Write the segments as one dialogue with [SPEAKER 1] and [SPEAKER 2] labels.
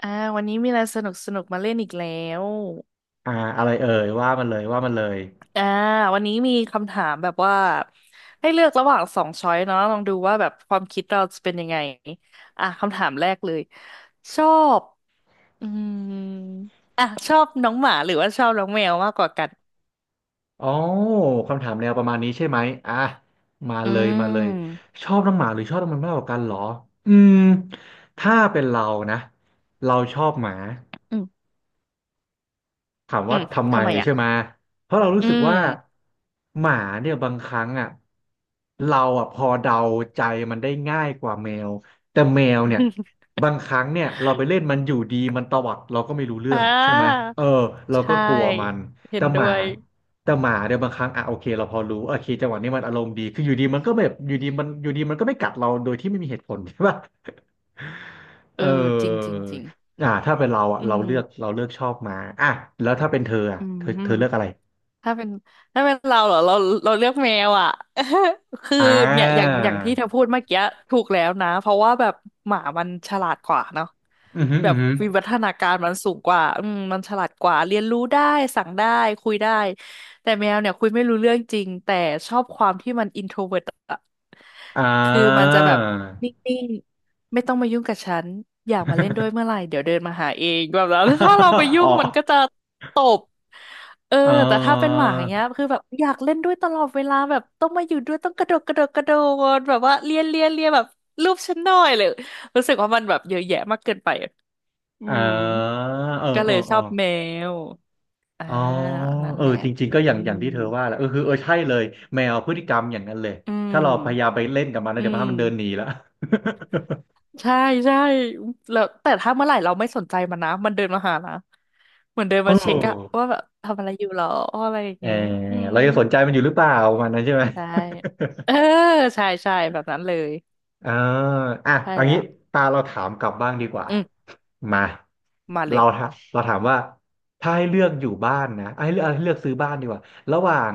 [SPEAKER 1] อ่าวันนี้มีอะไรสนุกสนุกมาเล่นอีกแล้ว
[SPEAKER 2] อ่าอะไรเอ่ยว่ามันเลยว่ามันเลย
[SPEAKER 1] อ่าวันนี้มีคำถามแบบว่าให้เลือกระหว่างสองช้อยเนาะลองดูว่าแบบความคิดเราจะเป็นยังไงอ่ะคำถามแรกเลยชอบอืมอ่ะชอบน้องหมาหรือว่าชอบน้องแมวมากกว่ากัน
[SPEAKER 2] อ๋อคำถามแนวประมาณนี้ใช่ไหมอ่ะมา
[SPEAKER 1] อื
[SPEAKER 2] เลยมาเลย
[SPEAKER 1] ม
[SPEAKER 2] ชอบน้องหมาหรือชอบน้องแมวมากกว่ากันเหรออืมถ้าเป็นเรานะเราชอบหมา
[SPEAKER 1] อืม
[SPEAKER 2] ถาม
[SPEAKER 1] อื
[SPEAKER 2] ว่า
[SPEAKER 1] ม
[SPEAKER 2] ทำไม
[SPEAKER 1] ทำไมอ่ะ
[SPEAKER 2] ใช่ไหมเพราะเรารู้
[SPEAKER 1] อื
[SPEAKER 2] สึก
[SPEAKER 1] ม
[SPEAKER 2] ว่าหมาเนี่ยบางครั้งอ่ะเราอ่ะพอเดาใจมันได้ง่ายกว่าแมวแต่แมวเนี่ย บางครั้งเนี่ยเราไปเล่นมันอยู่ดีมันตวัดเราก็ไม่รู้เรื่อ
[SPEAKER 1] อ่า
[SPEAKER 2] งใช่ไหมเออเราก็
[SPEAKER 1] ใช่
[SPEAKER 2] กลัวมัน
[SPEAKER 1] เห็
[SPEAKER 2] แต่
[SPEAKER 1] น
[SPEAKER 2] ห
[SPEAKER 1] ด้
[SPEAKER 2] มา
[SPEAKER 1] วย
[SPEAKER 2] แต่หมาเนี่ยบางครั้งอ่ะโอเคเราพอรู้โอเคจังหวะนี้มันอารมณ์ดีคืออยู่ดีมันก็แบบอยู่ดีมันอยู่ดีมันก็ไม่กัดเราโดยที่ไม่มีเหตุผล ใช่ปะ
[SPEAKER 1] เออ
[SPEAKER 2] เอ
[SPEAKER 1] จริงจ
[SPEAKER 2] อ
[SPEAKER 1] ริงจริง
[SPEAKER 2] ถ้าเป็นเราอ่ะ
[SPEAKER 1] อื
[SPEAKER 2] เรา
[SPEAKER 1] ม
[SPEAKER 2] เลือกเราเลือกชอบมาอ่ะแล้วถ้าเป็นเธออ่ะ
[SPEAKER 1] อื
[SPEAKER 2] เธอ
[SPEAKER 1] ม
[SPEAKER 2] เธอเลือกอะไร
[SPEAKER 1] ถ้าเป็นเราเหรอเราเลือกแมวอ่ะ คือ
[SPEAKER 2] อ่
[SPEAKER 1] เนี่ย
[SPEAKER 2] า
[SPEAKER 1] อย่างที่เธอพูดเมื่อกี้ถูกแล้วนะเพราะว่าแบบหมามันฉลาดกว่าเนาะ
[SPEAKER 2] อือหือ
[SPEAKER 1] แบ
[SPEAKER 2] อื
[SPEAKER 1] บ
[SPEAKER 2] อหือ
[SPEAKER 1] วิวัฒนาการมันสูงกว่าอืมมันฉลาดกว่าเรียนรู้ได้สั่งได้คุยได้แต่แมวเนี่ยคุยไม่รู้เรื่องจริงแต่ชอบความที่มันอินโทรเวิร์ตอะ
[SPEAKER 2] อ่า
[SPEAKER 1] คือมันจะแบบนิ่งๆไม่ต้องมายุ่งกับฉันอยากมาเล่นด้วยเมื่อไหร่เดี๋ยวเดินมาหาเองแบบนั้น ถ้าเราไป ยุ่
[SPEAKER 2] อ๋อ
[SPEAKER 1] งมันก็จะ เออ
[SPEAKER 2] เอ
[SPEAKER 1] แต่ถ้าเป็น
[SPEAKER 2] อ
[SPEAKER 1] หมาอย่างเงี้ยคือแบบอยากเล่นด้วยตลอดเวลาแบบต้องมาอยู่ด้วยต้องกระโดดแบบว่าเลียแบบรูปฉันหน่อยเลยรู้สึกว่ามันแบบเยอะแยะมากเกินไปอะอื
[SPEAKER 2] เอ
[SPEAKER 1] ม
[SPEAKER 2] อเออ
[SPEAKER 1] ก็
[SPEAKER 2] เอ
[SPEAKER 1] เล
[SPEAKER 2] อ
[SPEAKER 1] ยช
[SPEAKER 2] เออ
[SPEAKER 1] อบแมวอ่า
[SPEAKER 2] อ๋อ
[SPEAKER 1] นั่น
[SPEAKER 2] เออ
[SPEAKER 1] แหละ
[SPEAKER 2] จริงๆก็อ
[SPEAKER 1] อื
[SPEAKER 2] ย่างอย่างที่
[SPEAKER 1] ม
[SPEAKER 2] เธอว่าแหละเออคือเออใช่เลยแมวพฤติกรรมอย่างนั้นเลย
[SPEAKER 1] อื
[SPEAKER 2] ถ้า
[SPEAKER 1] ม
[SPEAKER 2] เราพยายามไปเล่นกับมันแล้ว
[SPEAKER 1] อื
[SPEAKER 2] เดี๋ยวพามันเดินหนี
[SPEAKER 1] ม
[SPEAKER 2] ละ
[SPEAKER 1] ใช่ใช่แล้วแต่ถ้าเมื่อไหร่เราไม่สนใจมันนะมันเดินมาหานะเหมือนเดิน
[SPEAKER 2] โอ้
[SPEAKER 1] มาเช็คอะว่าแบบทำอะไรอยู่หรออะไรอย่าง
[SPEAKER 2] เออ
[SPEAKER 1] เงี้ยอืม
[SPEAKER 2] เราจะสนใจมันอยู่หรือเปล่าประมันนั้นใช่ไหม
[SPEAKER 1] ใช่เออใช่ใช่แบบนั้นเลย
[SPEAKER 2] อ่าอ่ะ
[SPEAKER 1] ใช่
[SPEAKER 2] เอา
[SPEAKER 1] แล้
[SPEAKER 2] งี้
[SPEAKER 1] ว
[SPEAKER 2] ตาเราถามกลับบ้างดีกว่า
[SPEAKER 1] อืม
[SPEAKER 2] มา
[SPEAKER 1] มาเล
[SPEAKER 2] เรา
[SPEAKER 1] ย
[SPEAKER 2] ถามเราถามว่าถ้าให้เลือกอยู่บ้านนะเอาให้เลือกเอาให้เลือกซื้อบ้านดีกว่าระหว่าง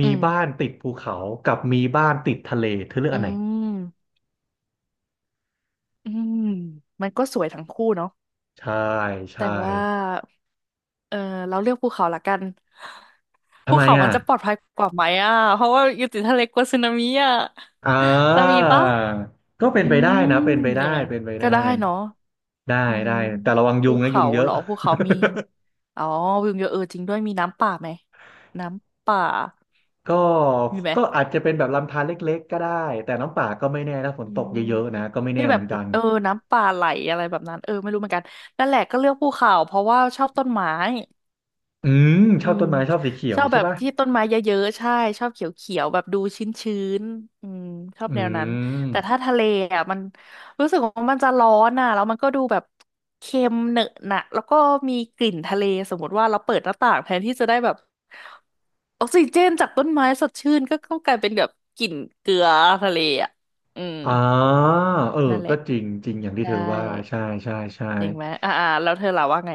[SPEAKER 2] มี
[SPEAKER 1] อืม
[SPEAKER 2] บ้านติดภูเขากับมีบ้านติดทะเลเธอเลือก
[SPEAKER 1] อื
[SPEAKER 2] อันไหน
[SPEAKER 1] มอืมมันก็สวยทั้งคู่เนาะ
[SPEAKER 2] ใช่
[SPEAKER 1] แต่
[SPEAKER 2] ใช่
[SPEAKER 1] ว่าเออเราเลือกภูเขาละกัน
[SPEAKER 2] ทำ
[SPEAKER 1] ภู
[SPEAKER 2] ไม
[SPEAKER 1] เขามั
[SPEAKER 2] อ่ะ
[SPEAKER 1] นจะปลอดภัยกว่าไหมอ่ะเพราะว่าอยู่ติดทะเลกลัวสึนามิอ่ะ
[SPEAKER 2] อ่
[SPEAKER 1] จะมีปะ
[SPEAKER 2] าก็เป็น
[SPEAKER 1] อื
[SPEAKER 2] ไปได้
[SPEAKER 1] ม
[SPEAKER 2] นะเป็นไป
[SPEAKER 1] อ
[SPEAKER 2] ได้
[SPEAKER 1] ย่างนั้น
[SPEAKER 2] เป็นไป
[SPEAKER 1] ก็
[SPEAKER 2] ได้
[SPEAKER 1] ได้เนาะ
[SPEAKER 2] ได้
[SPEAKER 1] อืม
[SPEAKER 2] ได้แต่ระวังยุ
[SPEAKER 1] ภู
[SPEAKER 2] งนะยุ
[SPEAKER 1] เขา
[SPEAKER 2] งเย
[SPEAKER 1] เห
[SPEAKER 2] อะ
[SPEAKER 1] รอภูเขามีอ๋อวิวเยอะเออจริงด้วยมีน้ำป่าไหม น้ำป่า
[SPEAKER 2] ก็
[SPEAKER 1] มีไหม
[SPEAKER 2] ก็อาจจะเป็นแบบลำธารเล็กๆก็ได้แต่น้ำป่าก็ไม่แน่ถ้าฝน
[SPEAKER 1] อื
[SPEAKER 2] ตก
[SPEAKER 1] ม
[SPEAKER 2] เยอะๆนะก็ไม่แน่
[SPEAKER 1] ที่แบ
[SPEAKER 2] เหมื
[SPEAKER 1] บ
[SPEAKER 2] อนกัน
[SPEAKER 1] เออน้ำป่าไหลอะไรแบบนั้นเออไม่รู้เหมือนกันนั่นแหละก็เลือกภูเขาเพราะว่าชอบต้นไม้
[SPEAKER 2] อืมช
[SPEAKER 1] อื
[SPEAKER 2] อบ
[SPEAKER 1] ม
[SPEAKER 2] ต้นไม้ชอบสีเขีย
[SPEAKER 1] ช
[SPEAKER 2] ว
[SPEAKER 1] อบ
[SPEAKER 2] ใช่
[SPEAKER 1] แบบ
[SPEAKER 2] ป่ะ
[SPEAKER 1] ที่ต้นไม้เยอะๆใช่ชอบเขียวๆแบบดูชื้นๆอืมชอบ
[SPEAKER 2] อื
[SPEAKER 1] แนวนั้นแต่ถ้า
[SPEAKER 2] ม
[SPEAKER 1] ทะเลอ่ะมันรู้สึกว่ามันจะร้อนอ่ะแล้วมันก็ดูแบบเค็มเหนอะหนะแล้วก็มีกลิ่นทะเลสมมติว่าเราเปิดหน้าต่างแทนที่จะได้แบบออกซิเจนจากต้นไม้สดชื่นก็กลายเป็นแบบกลิ่นเกลือทะเลอ่ะอืม
[SPEAKER 2] อ่าเออ
[SPEAKER 1] นั่นแห
[SPEAKER 2] ก็
[SPEAKER 1] ละ
[SPEAKER 2] จริงจริงอย่างที่
[SPEAKER 1] ใช่
[SPEAKER 2] เธอว่าใช่ใช่ใช่
[SPEAKER 1] จริงไหมอ่าแล้วเธอล่ะว่าไง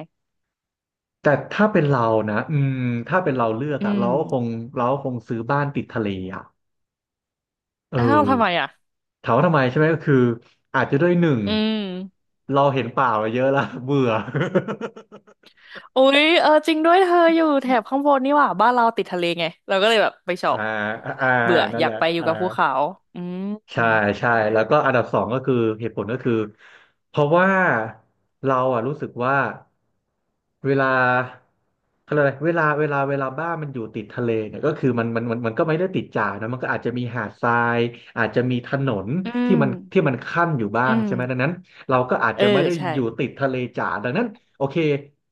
[SPEAKER 2] แต่ถ้าเป็นเรานะอืมถ้าเป็นเราเลือก
[SPEAKER 1] อื
[SPEAKER 2] อะเรา
[SPEAKER 1] ม
[SPEAKER 2] ก็คงเราก็คงซื้อบ้านติดทะเลอะเอ
[SPEAKER 1] อ้าวทำไม
[SPEAKER 2] อ
[SPEAKER 1] อ่ะ
[SPEAKER 2] ถามว่าทำไมใช่ไหมก็คืออาจจะด้วยหนึ่ง
[SPEAKER 1] อืม
[SPEAKER 2] เราเห็นป่ามาเยอะแล้วเบื่อ
[SPEAKER 1] อุ๊ยเออจริงด้วยเธออยู่แถบข้างบนนี่หว่าบ้านเราติดทะเลไงเราก็เลยแบบไปช อ
[SPEAKER 2] อ่า
[SPEAKER 1] บ
[SPEAKER 2] อ่า
[SPEAKER 1] เบื่อ
[SPEAKER 2] นั่
[SPEAKER 1] อ
[SPEAKER 2] น
[SPEAKER 1] ยา
[SPEAKER 2] แห
[SPEAKER 1] ก
[SPEAKER 2] ละ
[SPEAKER 1] ไปอยู่
[SPEAKER 2] อ่า
[SPEAKER 1] กับภูเขาอืมอื
[SPEAKER 2] ใช่
[SPEAKER 1] ม
[SPEAKER 2] ใช่แล้วก็อันดับสองก็คือเหตุผลก็คือเพราะว่าเราอ่ะรู้สึกว่าเวลาเขาเรียกอะไรเวลาบ้านมันอยู่ติดทะเลเนี่ยก็คือมันก็ไม่ได้ติดจ๋านะมันก็อาจจะมีหาดทรายอาจจะมีถนนที่มันขั้นอยู่บ้า
[SPEAKER 1] อื
[SPEAKER 2] งใช่ไหมดัง
[SPEAKER 1] ม
[SPEAKER 2] นั้นเราก็อาจ
[SPEAKER 1] เออ
[SPEAKER 2] จะไม่ได้
[SPEAKER 1] ใช่
[SPEAKER 2] อยู่ติดทะเลจ๋าดังนั้นโอเค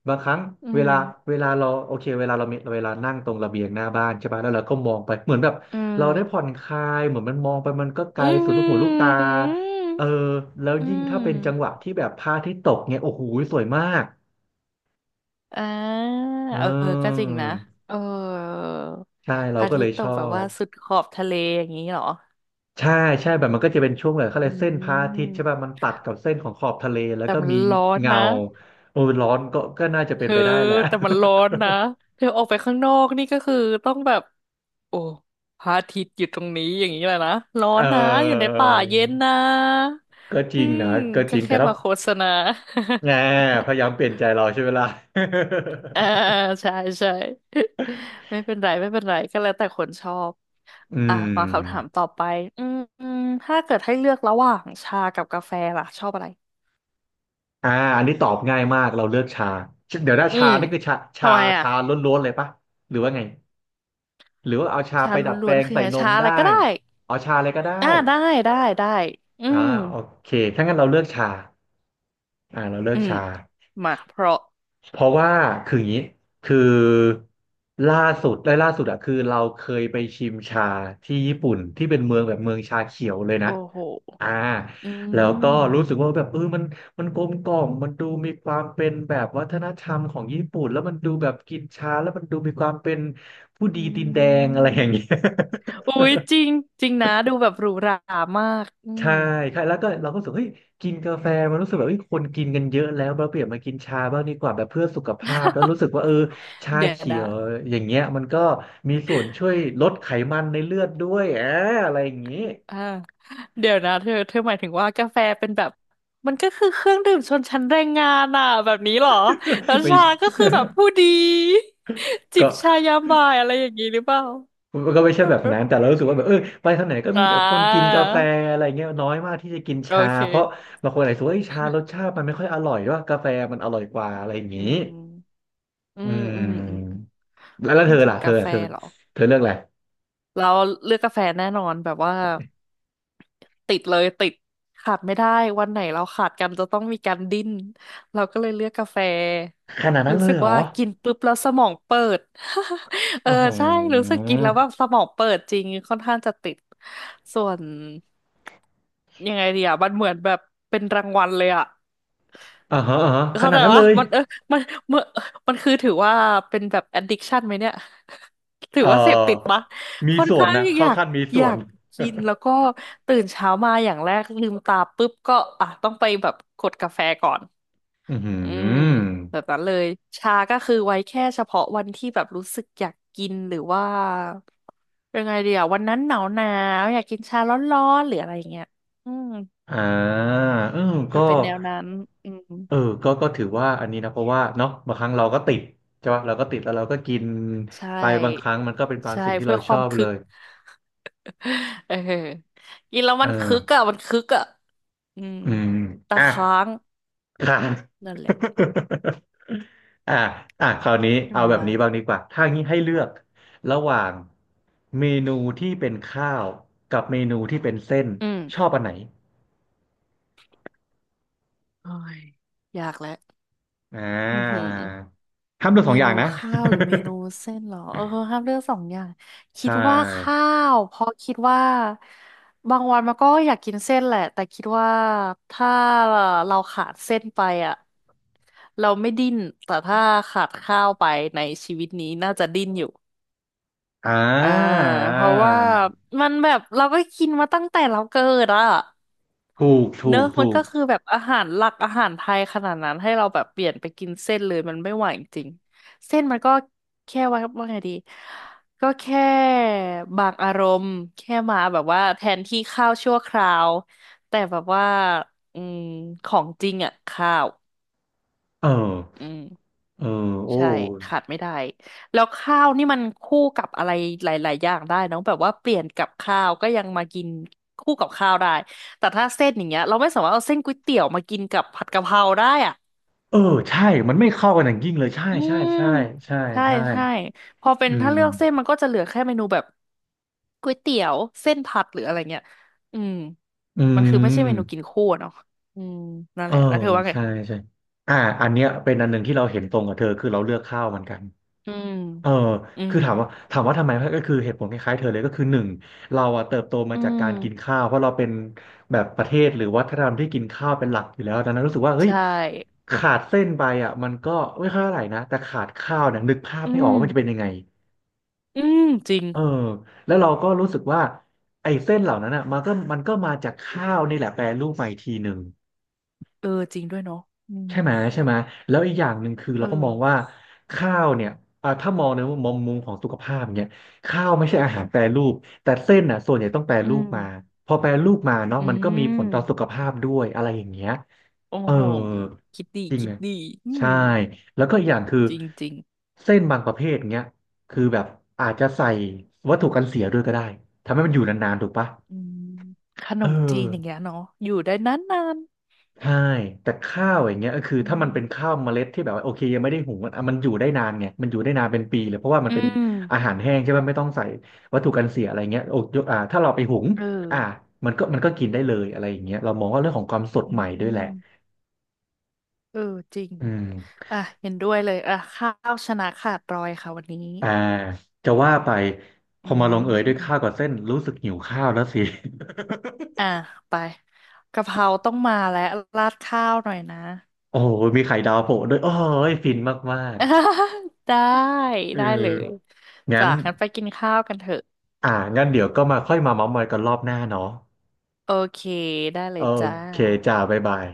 [SPEAKER 2] บางครั้ง
[SPEAKER 1] อื
[SPEAKER 2] เว
[SPEAKER 1] ม
[SPEAKER 2] ลาเวลาเราโอเคเวลาเรามีเวลานั่งตรงระเบียงหน้าบ้านใช่ปะแล้วเราก็มองไปเหมือนแบบ
[SPEAKER 1] อื
[SPEAKER 2] เราได้ผ่อน
[SPEAKER 1] ม
[SPEAKER 2] คลายเหมือนมันมองไปมันก็ไกล
[SPEAKER 1] อื
[SPEAKER 2] สุดลูกหูลูกตา
[SPEAKER 1] ม
[SPEAKER 2] เออแล้ว
[SPEAKER 1] อื
[SPEAKER 2] ยิ่งถ้า
[SPEAKER 1] ม
[SPEAKER 2] เป็นจังหวะที่แบบพระอาทิตย์ตกเนี่ยโอ้โหสวยมาก
[SPEAKER 1] อ่า
[SPEAKER 2] เอ
[SPEAKER 1] เออก็จ
[SPEAKER 2] อ
[SPEAKER 1] ริงนะเออ
[SPEAKER 2] ใช่
[SPEAKER 1] พ
[SPEAKER 2] เรา
[SPEAKER 1] ระอา
[SPEAKER 2] ก็เล
[SPEAKER 1] ทิต
[SPEAKER 2] ย
[SPEAKER 1] ย์ต
[SPEAKER 2] ช
[SPEAKER 1] ก
[SPEAKER 2] อ
[SPEAKER 1] แบบว่า
[SPEAKER 2] บ
[SPEAKER 1] สุดขอบทะเลอย่างนี้เหรอ
[SPEAKER 2] ใช่ใช่แบบมันก็จะเป็นช่วงแบบเขาเล
[SPEAKER 1] อื
[SPEAKER 2] ยกเส้นพระอาทิตย์ใช่ป่ะ
[SPEAKER 1] ม
[SPEAKER 2] มันตัดกับเส้นของขอบทะเลแล้ว
[SPEAKER 1] แต่
[SPEAKER 2] ก็
[SPEAKER 1] มัน
[SPEAKER 2] มี
[SPEAKER 1] ร้อน
[SPEAKER 2] เงา
[SPEAKER 1] นะ
[SPEAKER 2] โอ้ยร้อนก็น่าจะ
[SPEAKER 1] เธ
[SPEAKER 2] เป็น
[SPEAKER 1] อ
[SPEAKER 2] ไปได้แหละ
[SPEAKER 1] แต่มันร้อนนะเธอออกไปข้างนอกนี่ก็คือต้องแบบโอ้พระอาทิตย์อยู่ตรงนี้อย่างนี้แหละนะร้อ
[SPEAKER 2] เ
[SPEAKER 1] นนะอยู่ใน
[SPEAKER 2] ออ
[SPEAKER 1] ป่าเย็นนะ
[SPEAKER 2] ก็จ
[SPEAKER 1] อื
[SPEAKER 2] ริง
[SPEAKER 1] ม
[SPEAKER 2] นะก็จ
[SPEAKER 1] ก็
[SPEAKER 2] ริง
[SPEAKER 1] แค่
[SPEAKER 2] แต่ถ้า
[SPEAKER 1] มาโฆษณา
[SPEAKER 2] แหมพยายามเปลี่ยนใจเราใช่เวลา
[SPEAKER 1] อ่าใช่ใช่ ไม่เป็นไรก็แล้วแต่คนชอบ
[SPEAKER 2] อื
[SPEAKER 1] อ่ะมา
[SPEAKER 2] ม
[SPEAKER 1] คำถามต่อไปอืมอืมถ้าเกิดให้เลือกระหว่างชากับกาแฟล่ะชอบอะไร
[SPEAKER 2] อ่าอันนี้ตอบง่ายมากเราเลือกชาเดี๋ยวถ้า
[SPEAKER 1] อื
[SPEAKER 2] ชา
[SPEAKER 1] ม
[SPEAKER 2] นี่คือชาชา
[SPEAKER 1] ทำไมอ่ะ
[SPEAKER 2] ชาล้วนๆเลยปะหรือว่าไงหรือว่าเอาชา
[SPEAKER 1] ชา
[SPEAKER 2] ไปดัดแป
[SPEAKER 1] ล้ว
[SPEAKER 2] ล
[SPEAKER 1] น
[SPEAKER 2] ง
[SPEAKER 1] ๆคือ
[SPEAKER 2] ใส่
[SPEAKER 1] ไง
[SPEAKER 2] น
[SPEAKER 1] ชา
[SPEAKER 2] ม
[SPEAKER 1] อะไรก็
[SPEAKER 2] ได้
[SPEAKER 1] ได้
[SPEAKER 2] เอาชาอะไรก็ได้
[SPEAKER 1] อ่าได้ได้อื
[SPEAKER 2] อ่า
[SPEAKER 1] ม
[SPEAKER 2] โอเคถ้างั้นเราเลือกชาเราเลือ
[SPEAKER 1] อื
[SPEAKER 2] ก
[SPEAKER 1] ม
[SPEAKER 2] ชา
[SPEAKER 1] มาเพราะ
[SPEAKER 2] เพราะว่าคืออย่างนี้คือล่าล่าสุดอะคือเราเคยไปชิมชาที่ญี่ปุ่นที่เป็นเมืองแบบเมืองชาเขียวเลยนะ
[SPEAKER 1] โอ้โห
[SPEAKER 2] อ่า
[SPEAKER 1] อื
[SPEAKER 2] แล้วก็รู้สึก
[SPEAKER 1] ม
[SPEAKER 2] ว่าแบบเออมันกลมกล่อมมันดูมีความเป็นแบบวัฒนธรรมของญี่ปุ่นแล้วมันดูแบบกินชาแล้วมันดูมีความเป็นผู้
[SPEAKER 1] อื
[SPEAKER 2] ดีตีนแดงอะไรอ
[SPEAKER 1] ม
[SPEAKER 2] ย่างเงี้ย
[SPEAKER 1] อุ้ยจริงจริงนะดูแบบหรูหรามากอืม
[SPEAKER 2] ใช่ใช่แล้วก็เราก็รู้สึกเฮ้ยกินกาแฟมันรู้สึกแบบเฮ้ยคนกินกันเยอะแล้วเราเปลี่ยนมากินชาบ้างดีกว่าแบบเพื่อสุขภาพแล้วรู้ สึกว่าเออชา
[SPEAKER 1] เดี๋ยว
[SPEAKER 2] เขีย
[SPEAKER 1] นะ
[SPEAKER 2] วอย่างเงี้ยมันก็มีส่วนช่วยลดไขมันในเลือดด้วยอะไรอย่างงี้
[SPEAKER 1] อ่าเดี๋ยวนะเธอหมายถึงว่ากาแฟเป็นแบบก็คือเครื่องดื่มชนชั้นแรงงานอ่ะแบบนี้เหรอแล้ว
[SPEAKER 2] ไม่
[SPEAKER 1] ชาก็ คือแบบผู้ดีจิบ
[SPEAKER 2] ก็
[SPEAKER 1] ชายามบ่ายอะไรอย่างนี้หรือเปล่า
[SPEAKER 2] มันก็ไม่ใช่แบบนั้นแต่เรา รู้สึกว่าแบบเออไปทางไหนก็
[SPEAKER 1] อ่
[SPEAKER 2] มีแต่คนกิน
[SPEAKER 1] า
[SPEAKER 2] กาแฟอะไรเงี้ยน้อยมากที่จะกิน
[SPEAKER 1] โอ
[SPEAKER 2] ชาเพราะ
[SPEAKER 1] เค
[SPEAKER 2] บางคนอาจจะว่าเอ้ยชารสชาติมันไม่ค่อยอร่อยว่ากาแฟมันอร่อยกว่าอะไรอย่าง
[SPEAKER 1] อื
[SPEAKER 2] นี้
[SPEAKER 1] มอื
[SPEAKER 2] อื
[SPEAKER 1] มอืมอืม
[SPEAKER 2] มแล้ว
[SPEAKER 1] จ
[SPEAKER 2] เธอ
[SPEAKER 1] ริง
[SPEAKER 2] ล่ะ
[SPEAKER 1] ๆ
[SPEAKER 2] เธอ
[SPEAKER 1] กาแฟ
[SPEAKER 2] เธอ
[SPEAKER 1] เหรอ
[SPEAKER 2] เธอเลือกอะไร
[SPEAKER 1] เราเลือกกาแฟแน่นอนแบบว่าติดเลยติดขาดไม่ได้วันไหนเราขาดกันจะต้องมีการดิ้นเราก็เลยเลือกกาแฟ
[SPEAKER 2] ขนาดนั้น
[SPEAKER 1] รู้
[SPEAKER 2] เล
[SPEAKER 1] สึ
[SPEAKER 2] ย
[SPEAKER 1] ก
[SPEAKER 2] เหรอ
[SPEAKER 1] ว่ากินปุ๊บแล้วสมองเปิด เอ
[SPEAKER 2] อ๋
[SPEAKER 1] อ
[SPEAKER 2] อ
[SPEAKER 1] ใช่รู้สึกกินแล้วแบบสมองเปิดจริงค่อนข้างจะติดส่วนยังไงดีอ่ะมันเหมือนแบบเป็นรางวัลเลยอ่ะ
[SPEAKER 2] อ่าฮะอ่าฮะข
[SPEAKER 1] เข้า
[SPEAKER 2] นา
[SPEAKER 1] ใจ
[SPEAKER 2] ดนั้นเล
[SPEAKER 1] วะ
[SPEAKER 2] ย
[SPEAKER 1] มันเออมันมันมันคือถือว่าเป็นแบบ addiction ไหมเนี่ย ถือ
[SPEAKER 2] เอ
[SPEAKER 1] ว่าเสพติด
[SPEAKER 2] อ
[SPEAKER 1] ปะ
[SPEAKER 2] มี
[SPEAKER 1] ค่อน
[SPEAKER 2] ส่วน
[SPEAKER 1] ข้าง
[SPEAKER 2] นะเข้าขั้นมี
[SPEAKER 1] อ
[SPEAKER 2] ส่
[SPEAKER 1] ยา
[SPEAKER 2] วน
[SPEAKER 1] กกินแล้วก็ตื่นเช้ามาอย่างแรกลืมตาปุ๊บก็อ่ะต้องไปแบบกดกาแฟก่อน
[SPEAKER 2] อือหือ
[SPEAKER 1] อืมแบบนั้นเลยชาก็คือไว้แค่เฉพาะวันที่แบบรู้สึกอยากกินหรือว่ายังไงเดียววันนั้นหนาวหนาวอยากกินชาร้อนๆหรืออะไรอย่างเงี้ยอืม
[SPEAKER 2] อ่าเออ
[SPEAKER 1] จะ
[SPEAKER 2] ก็
[SPEAKER 1] เป็นแนวนั้นอืม
[SPEAKER 2] เออก็ถือว่าอันนี้นะเพราะว่าเนาะบางครั้งเราก็ติดใช่ปะเราก็ติดแล้วเราก็กิน
[SPEAKER 1] ใช่
[SPEAKER 2] ไปบางครั้งมันก็เป็นความ
[SPEAKER 1] ใช่
[SPEAKER 2] สิ่งที่
[SPEAKER 1] เพื่
[SPEAKER 2] เรา
[SPEAKER 1] อค
[SPEAKER 2] ช
[SPEAKER 1] วา
[SPEAKER 2] อ
[SPEAKER 1] ม
[SPEAKER 2] บ
[SPEAKER 1] คึ
[SPEAKER 2] เล
[SPEAKER 1] ก
[SPEAKER 2] ย
[SPEAKER 1] เออกินแล้ว
[SPEAKER 2] เอ
[SPEAKER 1] มันคึก
[SPEAKER 2] อ
[SPEAKER 1] อ่ะมันคึกอ่ะอืม
[SPEAKER 2] อืม
[SPEAKER 1] ตะ
[SPEAKER 2] อ่ะ
[SPEAKER 1] ค้าง
[SPEAKER 2] ค่ะ
[SPEAKER 1] นั่นแหละ
[SPEAKER 2] อ่ะอ่ะคราวนี้เอาแบ
[SPEAKER 1] ทำ
[SPEAKER 2] บ
[SPEAKER 1] มา
[SPEAKER 2] นี้บ้างดีกว่าถ้างี้ให้เลือกระหว่างเมนูที่เป็นข้าวกับเมนูที่เป็นเส้น
[SPEAKER 1] อืม
[SPEAKER 2] ชอบอันไหน
[SPEAKER 1] โอ้ยอยากแล้ว
[SPEAKER 2] อ่
[SPEAKER 1] อือหื
[SPEAKER 2] า
[SPEAKER 1] อ
[SPEAKER 2] ห้ามเลือกส
[SPEAKER 1] เม
[SPEAKER 2] องอย่า
[SPEAKER 1] นู
[SPEAKER 2] งนะ
[SPEAKER 1] ข้าวหรือเมนูเส้นเหรอเออห้ามเลือกสองอย่าง คิด
[SPEAKER 2] ใช่
[SPEAKER 1] ว่าข้าวเพราะคิดว่าบางวันมันก็อยากกินเส้นแหละแต่คิดว่าถ้าเราขาดเส้นไปอ่ะเราไม่ดิ้นแต่ถ้าขาดข้าวไปในชีวิตนี้น่าจะดิ้นอยู่
[SPEAKER 2] อ่า
[SPEAKER 1] อ่าเพราะว่า
[SPEAKER 2] า
[SPEAKER 1] มันแบบเราก็กินมาตั้งแต่เราเกิดอ่ะ
[SPEAKER 2] ถูก
[SPEAKER 1] เน
[SPEAKER 2] ถู
[SPEAKER 1] อะ
[SPEAKER 2] ก
[SPEAKER 1] มัน
[SPEAKER 2] ถูก
[SPEAKER 1] ก็คือแบบอาหารหลักอาหารไทยขนาดนั้นให้เราแบบเปลี่ยนไปกินเส้นเลยมันไม่ไหวจริงเส้นมันก็แค่ว่าไงดีก็แค่บางอารมณ์แค่มาแบบว่าแทนที่ข้าวชั่วคราวแต่แบบว่าอืมของจริงอ่ะข้าว
[SPEAKER 2] เออ
[SPEAKER 1] อืม
[SPEAKER 2] เออโอ้
[SPEAKER 1] ใช่ขาดไม่ได้แล้วข้าวนี่มันคู่กับอะไรหลายๆอย่างได้เนอะแบบว่าเปลี่ยนกับข้าวก็ยังมากินคู่กับข้าวได้แต่ถ้าเส้นอย่างเงี้ยเราไม่สามารถเอาเส้นก๋วยเตี๋ยวมากินกับผัดกะเพราได้อ่ะ
[SPEAKER 2] เออใช่มันไม่เข้ากันอย่างยิ่งเลยใช่
[SPEAKER 1] อื
[SPEAKER 2] ใช่
[SPEAKER 1] ม
[SPEAKER 2] ใช่ใช่
[SPEAKER 1] ใช่
[SPEAKER 2] ใช่
[SPEAKER 1] ใช่พอเป็
[SPEAKER 2] อื
[SPEAKER 1] นถ้า
[SPEAKER 2] ม
[SPEAKER 1] เลือกเส้นมันก็จะเหลือแค่เมนูแบบก๋วยเตี๋ยวเส้นผัดหรืออะไรเงี้ยอืม
[SPEAKER 2] อื
[SPEAKER 1] มันคือไม่ใช่เมนูกิน
[SPEAKER 2] ม
[SPEAKER 1] คู่อะเนาะอืมนั่น
[SPEAKER 2] เอ
[SPEAKER 1] แห
[SPEAKER 2] อ
[SPEAKER 1] ละแล้วเธอว่าไง
[SPEAKER 2] ใช่ใช่อ่าอันเนี้ยเป็นอันหนึ่งที่เราเห็นตรงกับเธอ คือเราเลือกข้าวเหมือนกัน
[SPEAKER 1] อืม
[SPEAKER 2] เออ
[SPEAKER 1] อื
[SPEAKER 2] คื
[SPEAKER 1] ม
[SPEAKER 2] อถามว่าถามว่าทำไมก็คือเหตุผลคล้ายๆเธอเลยก็คือหนึ่งเราอะเติบโตมา
[SPEAKER 1] อื
[SPEAKER 2] จากการกิน
[SPEAKER 1] ม
[SPEAKER 2] ข้าวเพราะเราเป็นแบบประเทศหรือวัฒนธรรมที่กินข้าวเป็นหลักอยู่แล้วดังนั้นรู้สึกว่าเฮ้ย
[SPEAKER 1] ใช่
[SPEAKER 2] ขาดเส้นไปอ่ะมันก็ไม่ค่อยเท่าไหร่นะแต่ขาดข้าวเนี่ยนึกภาพ
[SPEAKER 1] อื
[SPEAKER 2] ไม่ออก
[SPEAKER 1] ม
[SPEAKER 2] ว่ามันจะเป็นยังไง
[SPEAKER 1] อืมจริง
[SPEAKER 2] เออแล้วเราก็รู้สึกว่าไอ้เส้นเหล่านั้นอ่ะมันก็มาจากข้าวนี่แหละแปรรูปมาอีกทีหนึ่ง
[SPEAKER 1] เออจริงด้วยเนาะอืม
[SPEAKER 2] ใช่ไหมใช่ไหมแล้วอีกอย่างหนึ่งคือ
[SPEAKER 1] เอ
[SPEAKER 2] เราก็
[SPEAKER 1] อ
[SPEAKER 2] มองว่าข้าวเนี่ยอ่าถ้ามองในมุมของสุขภาพเนี่ยข้าวไม่ใช่อาหารแปรรูปแต่เส้นอ่ะส่วนใหญ่ต้องแปร
[SPEAKER 1] อื
[SPEAKER 2] รูป
[SPEAKER 1] ม
[SPEAKER 2] มาพอแปรรูปมาเนาะ
[SPEAKER 1] อื
[SPEAKER 2] มันก็มีผลต่อสุข
[SPEAKER 1] ม
[SPEAKER 2] ภาพด้วยอะไรอย่างเงี้ย
[SPEAKER 1] โอ้
[SPEAKER 2] เออ
[SPEAKER 1] โหคิดดี
[SPEAKER 2] จริง
[SPEAKER 1] คิด
[SPEAKER 2] อะ
[SPEAKER 1] ดีอื
[SPEAKER 2] ใช่
[SPEAKER 1] ม
[SPEAKER 2] แล้วก็อีกอย่างคือ
[SPEAKER 1] จริงจริง
[SPEAKER 2] เส้นบางประเภทเนี้ยคือแบบอาจจะใส่วัตถุกันเสียด้วยก็ได้ทำให้มันอยู่นานๆถูกปะ
[SPEAKER 1] อืมขน
[SPEAKER 2] เออ
[SPEAKER 1] มจีนอย่างเงี้ยเนาะอยู่ได้นานนาน
[SPEAKER 2] ใช่แต่ข้าวอย่างเงี้ยก็คือ
[SPEAKER 1] อื
[SPEAKER 2] ถ้ามันเป็น
[SPEAKER 1] ม
[SPEAKER 2] ข้าวเมล็ดที่แบบว่าโอเคยังไม่ได้หุงอ่ะมันอยู่ได้นานไงมันอยู่ได้นานเป็นปีเลยเพราะว่ามัน
[SPEAKER 1] อื
[SPEAKER 2] เป็น
[SPEAKER 1] ม
[SPEAKER 2] อาหารแห้งใช่ไหมไม่ต้องใส่วัตถุกันเสียอะไรเงี้ยโอ้ยกถ้าเราไปหุง
[SPEAKER 1] เออ
[SPEAKER 2] อ่ามันก็กินได้เลยอะไรอย่างเงี้ยเรามองว่าเรื่องของความสด
[SPEAKER 1] อื
[SPEAKER 2] ใหม่ด้วยแหละ
[SPEAKER 1] มเออจริง
[SPEAKER 2] อืม
[SPEAKER 1] อ่ะเห็นด้วยเลยอ่ะข้าวชนะขาดรอยค่ะวันนี้
[SPEAKER 2] อ่าจะว่าไปพ
[SPEAKER 1] อื
[SPEAKER 2] อมาลงเอยด้วยข้าว
[SPEAKER 1] ม
[SPEAKER 2] กับเส้นรู้สึกหิวข้าวแล้วสิ
[SPEAKER 1] อ่ะไปกะเพราต้องมาแล้วราดข้าวหน่อยนะ
[SPEAKER 2] โอ้โหมีไข่ดาวโผล่ด้วยโอ้ยฟินมาก
[SPEAKER 1] ได้
[SPEAKER 2] ๆเออ
[SPEAKER 1] ได้เลย
[SPEAKER 2] งั้
[SPEAKER 1] จ้ะ
[SPEAKER 2] น
[SPEAKER 1] งั้นไปกินข้าวกันเถอะ
[SPEAKER 2] อ่างั้นเดี๋ยวก็มาค่อยมาเม้าท์มอยกันรอบหน้าเนาะ
[SPEAKER 1] โอเค ได้เล
[SPEAKER 2] โอ
[SPEAKER 1] ยจ้า
[SPEAKER 2] เคจ้าบ๊ายบาย